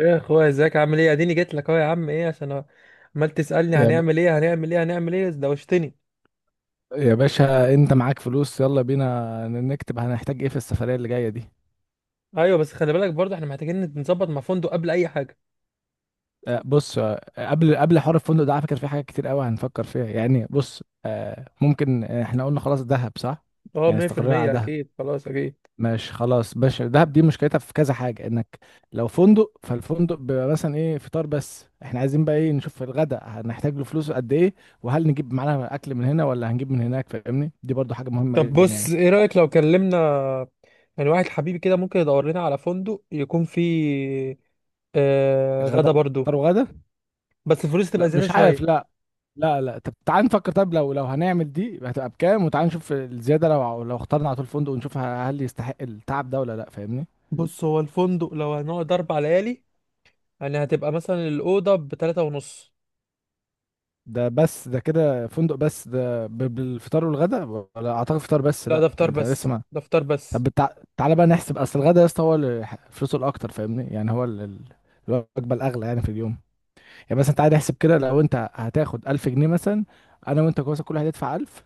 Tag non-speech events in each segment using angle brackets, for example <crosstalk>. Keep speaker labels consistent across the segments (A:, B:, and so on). A: ايه يا اخويا، ازيك؟ عامل ايه؟ اديني جيت لك اهو يا عم. ايه، عشان عمال تسالني
B: يا ب...
A: هنعمل ايه هنعمل ايه هنعمل ايه، دوشتني.
B: يا باشا، انت معاك فلوس؟ يلا بينا نكتب. هنحتاج ايه في السفرية اللي جاية دي؟
A: ايوه بس خلي بالك برضه احنا محتاجين نظبط مع فندق قبل اي حاجه.
B: بص قبل حوار الفندق ده، على فكرة في حاجات كتير قوي هنفكر فيها، يعني بص ممكن احنا قلنا خلاص دهب، صح؟
A: اه
B: يعني استقرينا على
A: 100%.
B: دهب.
A: اكيد خلاص اكيد.
B: ماشي خلاص باشا، دهب دي مشكلتها في كذا حاجة، انك لو فندق، فالفندق بيبقى مثلا ايه، فطار بس. احنا عايزين بقى ايه، نشوف الغداء. هنحتاج له فلوس قد ايه؟ وهل نجيب معانا اكل من هنا ولا هنجيب من هناك؟ فاهمني، دي برضو حاجة مهمة
A: طب
B: جدا
A: بص،
B: يعني.
A: ايه رايك لو كلمنا يعني واحد حبيبي كده ممكن يدور لنا على فندق يكون فيه
B: غدا.
A: غدا برضه.
B: فطار وغدا.
A: بس الفلوس تبقى
B: لا
A: زياده
B: مش عارف،
A: شويه.
B: لا. لا لا. طب تعال نفكر. طب لو هنعمل دي هتبقى بكام، وتعال نشوف الزيادة. لو اخترنا على طول فندق، ونشوف هل يستحق التعب ده ولا لا، فاهمني.
A: بص، هو الفندق لو هنقعد 4 ليالي يعني هتبقى مثلا الاوضه بتلاتة ونص.
B: ده بس، ده كده فندق بس، ده ب- بالفطار والغدا، ولا اعتقد فطار بس.
A: لا ده
B: لا انت,
A: فطار
B: انت لسه
A: بس،
B: ما...
A: ده فطار
B: طب
A: بس.
B: بتع... تعالى بقى نحسب. اصل الغدا يا اسطى هو اللي ح- فلوسه الاكتر، فاهمني، يعني هو ال- ال- الوجبة الاغلى يعني في اليوم. يعني مثلا تعالى نحسب كده، لو انت هتاخد 1000 جنيه مثلا. انا وانت كويس، كل واحد يدفع 1000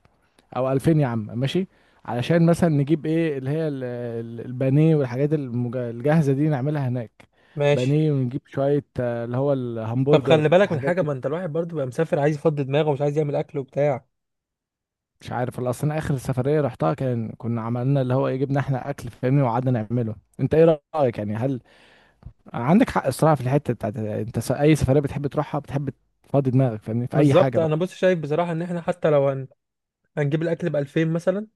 B: او 2000 يا عم ماشي. علشان مثلا نجيب ايه، اللي هي ال- ال- البانيه والحاجات المج- الجاهزه دي نعملها هناك.
A: ماشي.
B: بانيه، ونجيب شويه اللي هو
A: طب
B: الهمبرجر
A: خلي بالك من
B: والحاجات
A: حاجه،
B: دي.
A: ما انت الواحد برضه بقى مسافر عايز يفضي دماغه ومش عايز يعمل اكل وبتاع.
B: مش عارف، الا اصلا اخر سفريه رحتها كان كنا عملنا اللي هو ايه، جبنا احنا اكل فاهمني وقعدنا نعمله. انت ايه رايك يعني؟ هل عندك حق الصراحه في الحته بتاعت، انت س- اي سفريه بتحب تروحها، بتحب تفضي دماغك فاهمني في اي حاجه
A: بالظبط. انا
B: بقى.
A: بص شايف بصراحه ان احنا حتى لو هنجيب الاكل ب 2000 مثلا،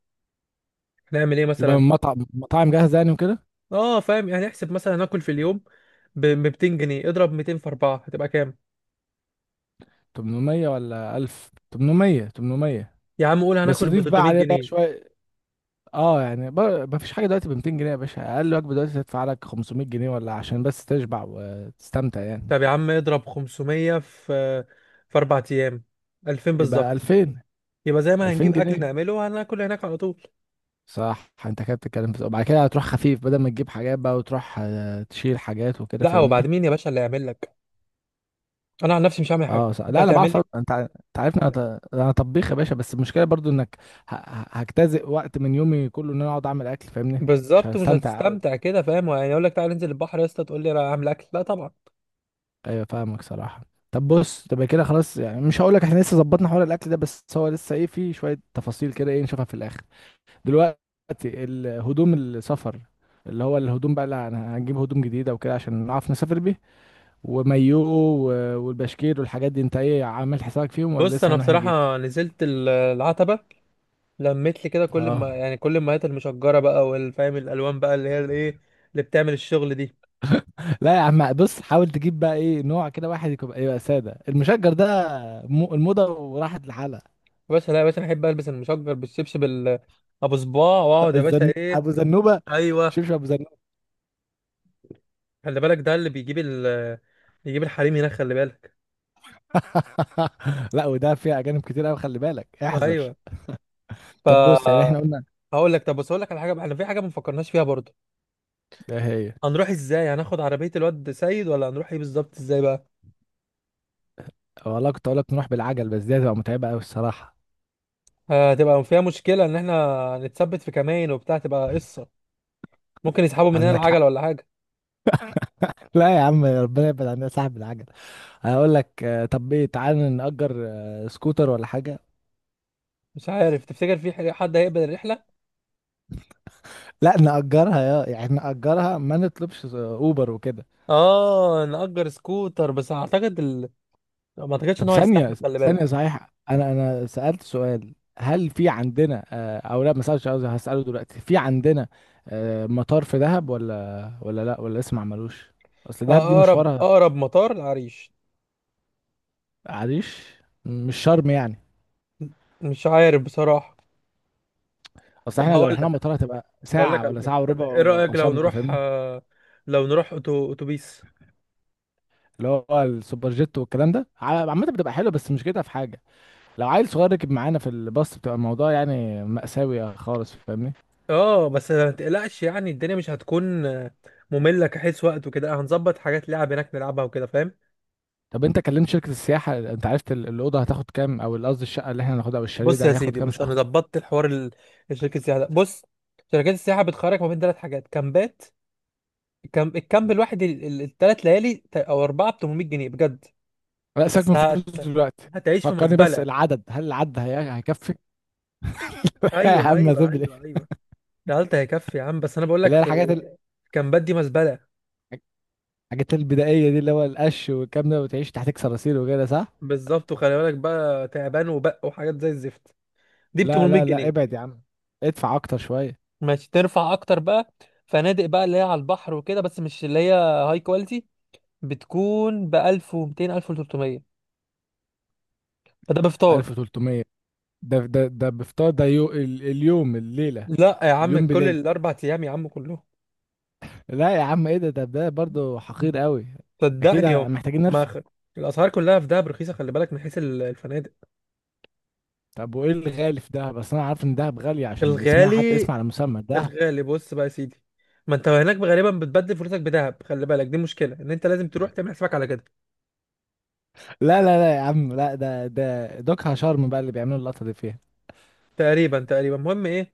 A: هنعمل ايه
B: يبقى
A: مثلا؟
B: من مطعم، مطاعم جاهزه يعني وكده.
A: اه فاهم، يعني احسب مثلا هناكل في اليوم ب 200 جنيه، اضرب 200 في 4 هتبقى كام؟
B: 800 ولا 1000؟ 800. 800.
A: يا عم قول
B: بس
A: هناكل ب
B: ضيف بقى
A: 300
B: عليه بقى
A: جنيه
B: شويه. اه يعني ب- مفيش حاجه دلوقتي ب 200 جنيه يا باشا. اقل وجبه دلوقتي تدفع لك 500 جنيه، ولا عشان بس تشبع وتستمتع يعني.
A: طب يا عم اضرب 500 في 4 ايام، 2000
B: يبقى
A: بالظبط.
B: 2000.
A: يبقى زي ما هنجيب
B: 2000
A: اكل
B: جنيه
A: نعمله، هناكل هناك على طول.
B: صح، انت كده بتتكلم في، وبعد كده هتروح خفيف بدل ما تجيب حاجات بقى، وتروح تشيل حاجات وكده
A: لا، وبعد
B: فاهمني.
A: مين يا باشا اللي يعمل لك؟ انا عن نفسي مش هعمل حاجه،
B: اه صح.
A: انت
B: لا انا بعرف أط-
A: هتعمل.
B: انت ع- انت عارفني، انا ط- أنا طبيخ يا باشا، بس المشكله برضو انك ه- ه- هجتزئ وقت من يومي كله، ان انا اقعد اعمل اكل فاهمني. مش
A: بالظبط، مش
B: هستمتع قوي.
A: هتستمتع كده فاهم؟ يعني اقول لك تعالى ننزل البحر يا اسطى، تقول لي انا هعمل اكل؟ لا طبعا.
B: ايوه فاهمك صراحه. طب بص، تبقى كده خلاص يعني. مش هقول لك احنا لسه ظبطنا حوار الاكل ده، بس هو لسه ايه، في شويه تفاصيل كده ايه نشوفها في الاخر دلوقتي. الهدوم، السفر، اللي هو الهدوم بقى، اللي هن- هنجيب هدوم جديده وكده عشان نعرف نسافر بيه، ومايو و- والبشكير والحاجات دي، انت ايه عامل حسابك فيهم ولا
A: بص
B: لسه
A: انا
B: هنروح نجيب؟
A: بصراحه نزلت العتبه، لميت لي كده كل
B: اه.
A: ما يعني كل المايات المشجره بقى، والفاهم الالوان بقى اللي هي الايه اللي بتعمل الشغل دي.
B: لا يا عم بص، حاول تجيب بقى ايه، نوع كده واحد يكون يبقى ساده. المشجر ده م- الموضه وراحت لحالها.
A: بس لا يا باشا، أنا احب البس المشجر بالشبشب ابو صباع،
B: <laughs>
A: واقعد يا باشا
B: الزن...
A: ايه.
B: ابو زنوبه.
A: ايوه،
B: شبشب ابو زنوبه.
A: خلي بالك ده اللي بيجيب بيجيب الحريم هناك، خلي بالك.
B: <laughs> لا، وده فيها اجانب كتير قوي، خلي بالك احذر.
A: ايوه.
B: طب بص، يعني
A: ف
B: احنا قلنا،
A: هقول لك. طب بص هقول لك على حاجه بقى، احنا في حاجه ما فكرناش فيها برضه.
B: ده هي.
A: هنروح ازاي؟ هناخد عربيه الواد سيد ولا هنروح ايه بالظبط ازاي بقى؟
B: والله كنت اقول لك نروح بالعجل، بس دي هتبقى متعبه قوي الصراحه.
A: هتبقى فيها مشكلة إن إحنا نتثبت في كمين وبتاع، تبقى قصة. ممكن يسحبوا مننا
B: عندك حق.
A: العجلة ولا حاجة.
B: <laughs> لا يا عم، ربنا يبعد عننا صاحب العجل. هقول لك طب ايه، تعالى نأجر سكوتر ولا حاجه.
A: مش عارف، تفتكر في حد هيقبل الرحلة؟
B: لا نأجرها، يا يعني نأجرها، ما نطلبش اوبر وكده.
A: آه نأجر سكوتر، بس أعتقد ما أعتقدش
B: طب
A: إن هو
B: ثانية
A: هيستحمل، خلي
B: ثانية،
A: بالك.
B: صحيح أنا سألت سؤال. هل في عندنا أو لا ما سألتش، قصدي هسأله دلوقتي. في عندنا مطار في دهب ولا لا ولا لسه ما عملوش؟ أصل دهب دي
A: أقرب
B: مشوارها.
A: أقرب مطار العريش.
B: عريش. مش شرم يعني؟
A: مش عارف بصراحة.
B: أصل
A: طب
B: إحنا لو
A: هقول
B: رحنا
A: لك،
B: مطار هتبقى
A: هقول لك
B: ساعة
A: على
B: ولا
A: حاجة.
B: ساعة
A: طب
B: وربع
A: إيه
B: ولا
A: رأيك لو
B: وصلنا،
A: نروح،
B: فاهمني.
A: لو نروح أتوبيس؟
B: اللي هو السوبر جيت والكلام ده ع- عامة بتبقى حلوة، بس مش كده، في حاجة لو عيل صغير ركب معانا في الباص بتبقى الموضوع يعني مأساوي خالص فاهمني.
A: آه بس ما تقلقش يعني الدنيا مش هتكون مملة كحيث وقت، وكده هنظبط حاجات لعب هناك نلعبها وكده فاهم؟
B: طب انت كلمت شركة السياحة، انت عرفت ال- الأوضة هتاخد كام، او ال- قصدي الشقة اللي احنا هناخدها او الشاليه
A: بص
B: ده
A: يا
B: هياخد
A: سيدي،
B: كام
A: بص انا
B: شخص؟
A: ظبطت الحوار الشركه السياحه ده. بص شركات السياحه بتخرج ما بين 3 حاجات كامبات. الكامب الواحد ال3 ليالي او 4 ب 800 جنيه بجد.
B: لا سيبك من
A: بس
B: الفلوس
A: هت...
B: دلوقتي.
A: هتعيش في
B: فكرني بس
A: مزبله.
B: العدد، هل العدد هي... هيكفي؟ <laughs>
A: ايوه
B: اما
A: ايوه
B: تبلي.
A: ايوه ايوه، العلت هيكفي يا عم، بس انا بقول
B: اللي
A: لك
B: هي الحاجات
A: في
B: ال...
A: الكامبات دي مزبله.
B: الحاجات البدائية دي، اللي هو القش والكلام ده، وتعيش تحتك صراصير وكده، صح؟
A: بالظبط، وخلي بالك بقى تعبان وبق وحاجات زي الزفت، دي ب
B: لا
A: 800
B: لا لا
A: جنيه
B: ابعد يا عم. ادفع اكتر شوية.
A: ماشي ترفع اكتر بقى. فنادق بقى اللي هي على البحر وكده، بس مش اللي هي هاي كواليتي، بتكون ب 1200 1300. فده بفطار.
B: 1300؟ ده بفطار؟ ده يو... ال- اليوم الليلة؟
A: لا يا عم
B: اليوم
A: كل
B: بليلة.
A: ال4 ايام يا عم كلهم.
B: لا يا عم ايه ده، ده برضه حقير قوي. اكيد
A: صدقني يا
B: محتاجين
A: ما
B: نرفع.
A: خ... الاسعار كلها في دهب رخيصه، خلي بالك من حيث الفنادق.
B: طب وايه الغالي في دهب؟ اصل انا عارف ان دهب غالية عشان اسمها، حتى
A: الغالي،
B: اسم على مسمى دهب.
A: بص بقى يا سيدي، ما انت هناك غالبا بتبدل فلوسك بدهب، خلي بالك، دي مشكله ان انت لازم تروح تعمل حسابك على كده.
B: لا لا لا يا عم لا، ده دوكها شرم بقى اللي بيعملوا اللقطة دي فيها.
A: تقريبا. المهم ايه،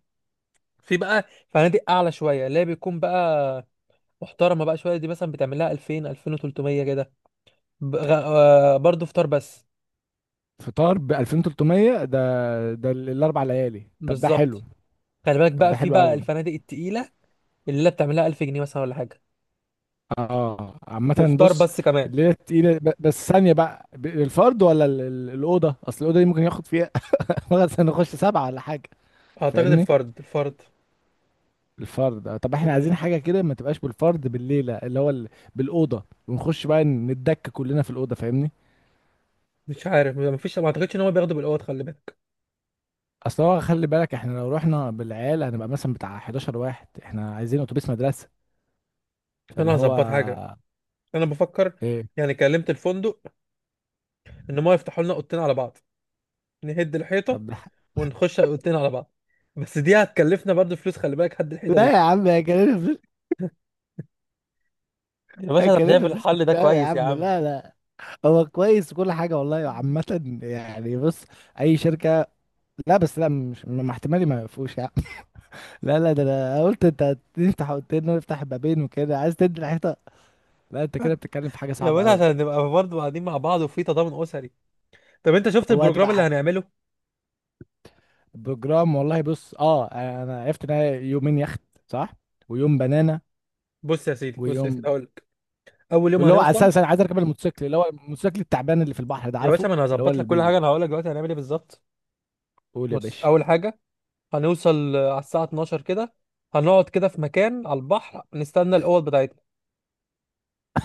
A: في بقى فنادق اعلى شويه اللي هي بيكون بقى محترمه بقى شويه، دي مثلا بتعمل لها 2000 2300 كده، ب- غ... آه، برضه فطار بس.
B: فطار ب 2300 ده؟ ده ال- الاربع ليالي؟ طب ده حلو.
A: بالظبط. خلي بالك
B: طب
A: بقى
B: ده
A: في
B: حلو
A: بقى
B: قوي.
A: الفنادق التقيله، الليله بتعملها 1000 جنيه مثلا ولا حاجه،
B: اه عامة
A: وفطار
B: بص.
A: بس كمان.
B: الليلة تقيلة ب- بس ثانية بقى، ب- الفرد ولا ال- ال- الأوضة؟ أصل الأوضة دي ممكن ياخد فيها <laughs> مثلا نخش سبعة ولا حاجة
A: اعتقد
B: فاهمني.
A: الفرد،
B: الفرد طب احنا عايزين
A: مم.
B: حاجة كده ما تبقاش بالفرد بالليلة، اللي هو ال- بالأوضة، ونخش بقى نتدك كلنا في الأوضة فاهمني.
A: مش عارف، ما فيش، ما اعتقدش ان هو بياخدوا بالاوض، خلي بالك.
B: اصل هو خلي بالك، احنا لو رحنا بالعيال هنبقى مثلا بتاع 11 واحد. احنا عايزين اتوبيس مدرسه،
A: انا
B: فاللي هو
A: هظبط حاجه، انا بفكر.
B: ايه.
A: يعني كلمت الفندق ان هم يفتحوا لنا اوضتين على بعض، نهد الحيطه
B: طب ده-
A: ونخش اوضتين على بعض، بس دي هتكلفنا برضه فلوس خلي بالك، هد الحيطه
B: لا
A: دي.
B: يا عم هيكلفنا فلوس،
A: يا باشا انا شايف
B: هيكلفنا فلوس كتير
A: الحل ده
B: قوي يا
A: كويس يا
B: عم
A: عم.
B: لا لا. هو كويس وكل حاجه والله عامه، يعني بص، اي شركه. لا، بس لا مش مع احتمالي ما يقفوش يا عم. <laughs> لا لا، ده انا قلت انت تفتح، قلت انه يفتح بابين وكده، عايز تدي الحيطه؟ لا انت كده بتتكلم في حاجه
A: يا
B: صعبه
A: باشا
B: قوي.
A: عشان نبقى برضه قاعدين مع بعض وفي تضامن اسري. طب انت شفت
B: هو
A: البروجرام اللي
B: هتبقى
A: هنعمله؟
B: بروجرام والله، بص اه، انا عرفت ان هي يومين يخت، صح؟ ويوم بنانا.
A: بص يا سيدي
B: ويوم،
A: هقول لك، اول يوم
B: واللي هو
A: هنوصل.
B: اساسا انا عايز اركب الموتوسيكل، اللي هو الموتوسيكل التعبان اللي في البحر ده،
A: يا باشا
B: عارفه
A: ما انا
B: اللي هو
A: هظبط لك
B: اللي
A: كل حاجه،
B: بيقول.
A: انا هقول لك دلوقتي هنعمل ايه بالظبط.
B: يا
A: بص
B: باشا.
A: اول حاجه هنوصل على الساعه 12 كده، هنقعد كده في مكان على البحر نستنى الاوض بتاعتنا.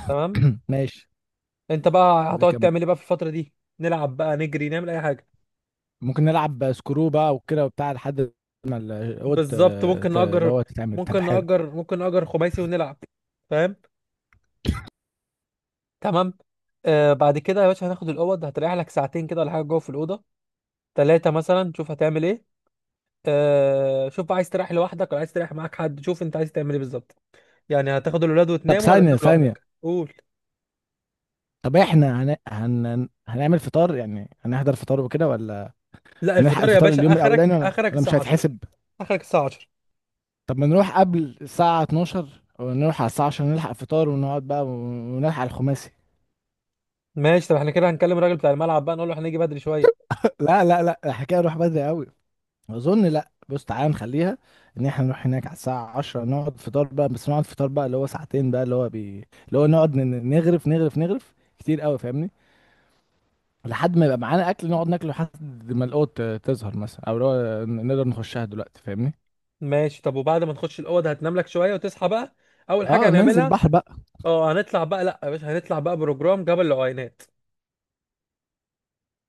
A: تمام.
B: <clears throat> ماشي.
A: انت بقى هتقعد
B: وكم.
A: تعمل ايه بقى في الفتره دي؟ نلعب بقى، نجري، نعمل اي حاجه.
B: ممكن نلعب سكرو بقى وكده وبتاع لحد ما الاوض...
A: بالظبط،
B: اللي هو تتعمل، طب حلو.
A: ممكن نأجر خماسي ونلعب. فاهم؟ تمام. آه بعد كده يا باشا هناخد الاوض، هتريح لك ساعتين كده ولا حاجه جوه في الاوضه، ثلاثه مثلا، شوف هتعمل ايه. آه شوف بقى، عايز تريح لوحدك ولا عايز تريح معاك حد، شوف انت عايز تعمل ايه بالظبط. يعني هتاخد الولاد
B: طب
A: وتناموا ولا
B: ثانية
A: هتنام
B: ثانية،
A: لوحدك؟ قول.
B: طب احنا هن... هن... هنعمل فطار يعني، هنحضر فطار وكده ولا؟
A: لا
B: هنلحق
A: الفطار يا
B: الفطار
A: باشا
B: اليوم الاولاني
A: اخرك،
B: ولا ولا مش
A: الساعه 10.
B: هيتحسب؟
A: اخرك الساعه 10.
B: طب ما نروح قبل الساعة 12، ونروح على الساعة عشان نلحق فطار، ونقعد بقى ون- ونلحق الخماسي.
A: ماشي، طب احنا كده هنكلم الراجل بتاع الملعب بقى نقول له هنيجي بدري شويه.
B: <laughs> لا لا لا، الحكاية نروح بدري قوي. أظن لا بص، تعالى نخليها إن إحنا نروح هناك على الساعة 10، نقعد فطار بقى، بس نقعد فطار بقى اللي هو ساعتين بقى اللي هو بي... اللي هو نقعد ن- نغرف نغرف نغرف كتير قوي فاهمني، لحد ما يبقى معانا أكل نقعد ناكله لحد ما القوت تظهر مثلا، أو اللي هو ن- نقدر نخشها دلوقتي فاهمني.
A: ماشي، طب وبعد ما نخش الاوضه هتنام لك شويه وتصحى بقى، اول حاجه
B: اه ننزل
A: هنعملها.
B: بحر بقى.
A: اه هنطلع بقى، لا يا باشا هنطلع بقى بروجرام جبل العوينات.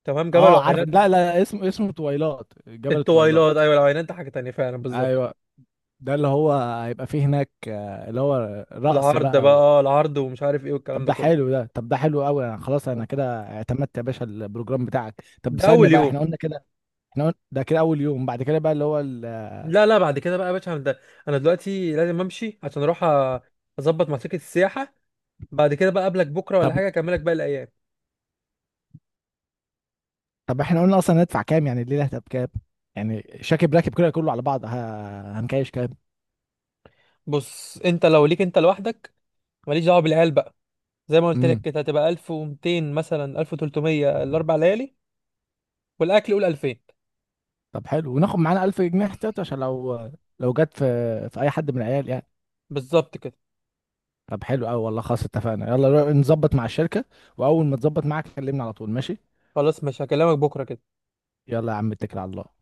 A: تمام، جبل
B: اه عارف،
A: العوينات
B: لا لا لا، اسمه تويلات، جبل
A: التويلات.
B: التويلات.
A: ايوه، العوينات ده حاجه تانيه فعلا، بالظبط.
B: ايوه. ده اللي هو هيبقى فيه هناك اللي هو رقص
A: العرض بقى،
B: بقى و...
A: اه العرض، ومش عارف ايه والكلام
B: طب
A: ده
B: ده
A: كله.
B: حلو ده، طب ده حلو قوي، انا خلاص انا
A: آه.
B: كده اعتمدت يا باشا البروجرام بتاعك. طب
A: ده
B: ثانية
A: اول
B: بقى،
A: يوم.
B: احنا قلنا كده. احنا قلنا ده كده اول يوم، بعد كده بقى اللي هو ال...
A: لا لا، بعد كده بقى يا باشا ده، انا دلوقتي لازم امشي عشان اروح اظبط مع شركه السياحه. بعد كده بقى قابلك بكره ولا
B: طب.
A: حاجه، اكملك باقي الايام.
B: طب احنا قلنا اصلا هندفع كام يعني؟ الليلة هتبقى كام يعني؟ شاكب راكب كده كله على بعض، ه... هنكايش كام؟
A: بص انت لو ليك انت لوحدك، ماليش دعوه بالعيال بقى، زي ما قلت لك
B: امم.
A: كده هتبقى 1200 مثلا 1300 ال4 ليالي، والاكل قول 2000.
B: طب حلو، وناخد معانا 1000 جنيه احتياطي عشان لو جت في اي حد من العيال يعني.
A: بالظبط كده
B: طب حلو قوي والله. خلاص اتفقنا، يلا نروح نظبط مع الشركة، واول ما تظبط معاك كلمني على طول، ماشي.
A: خلاص. مش هكلمك بكره كده.
B: يلا يا عم، اتكل على الله.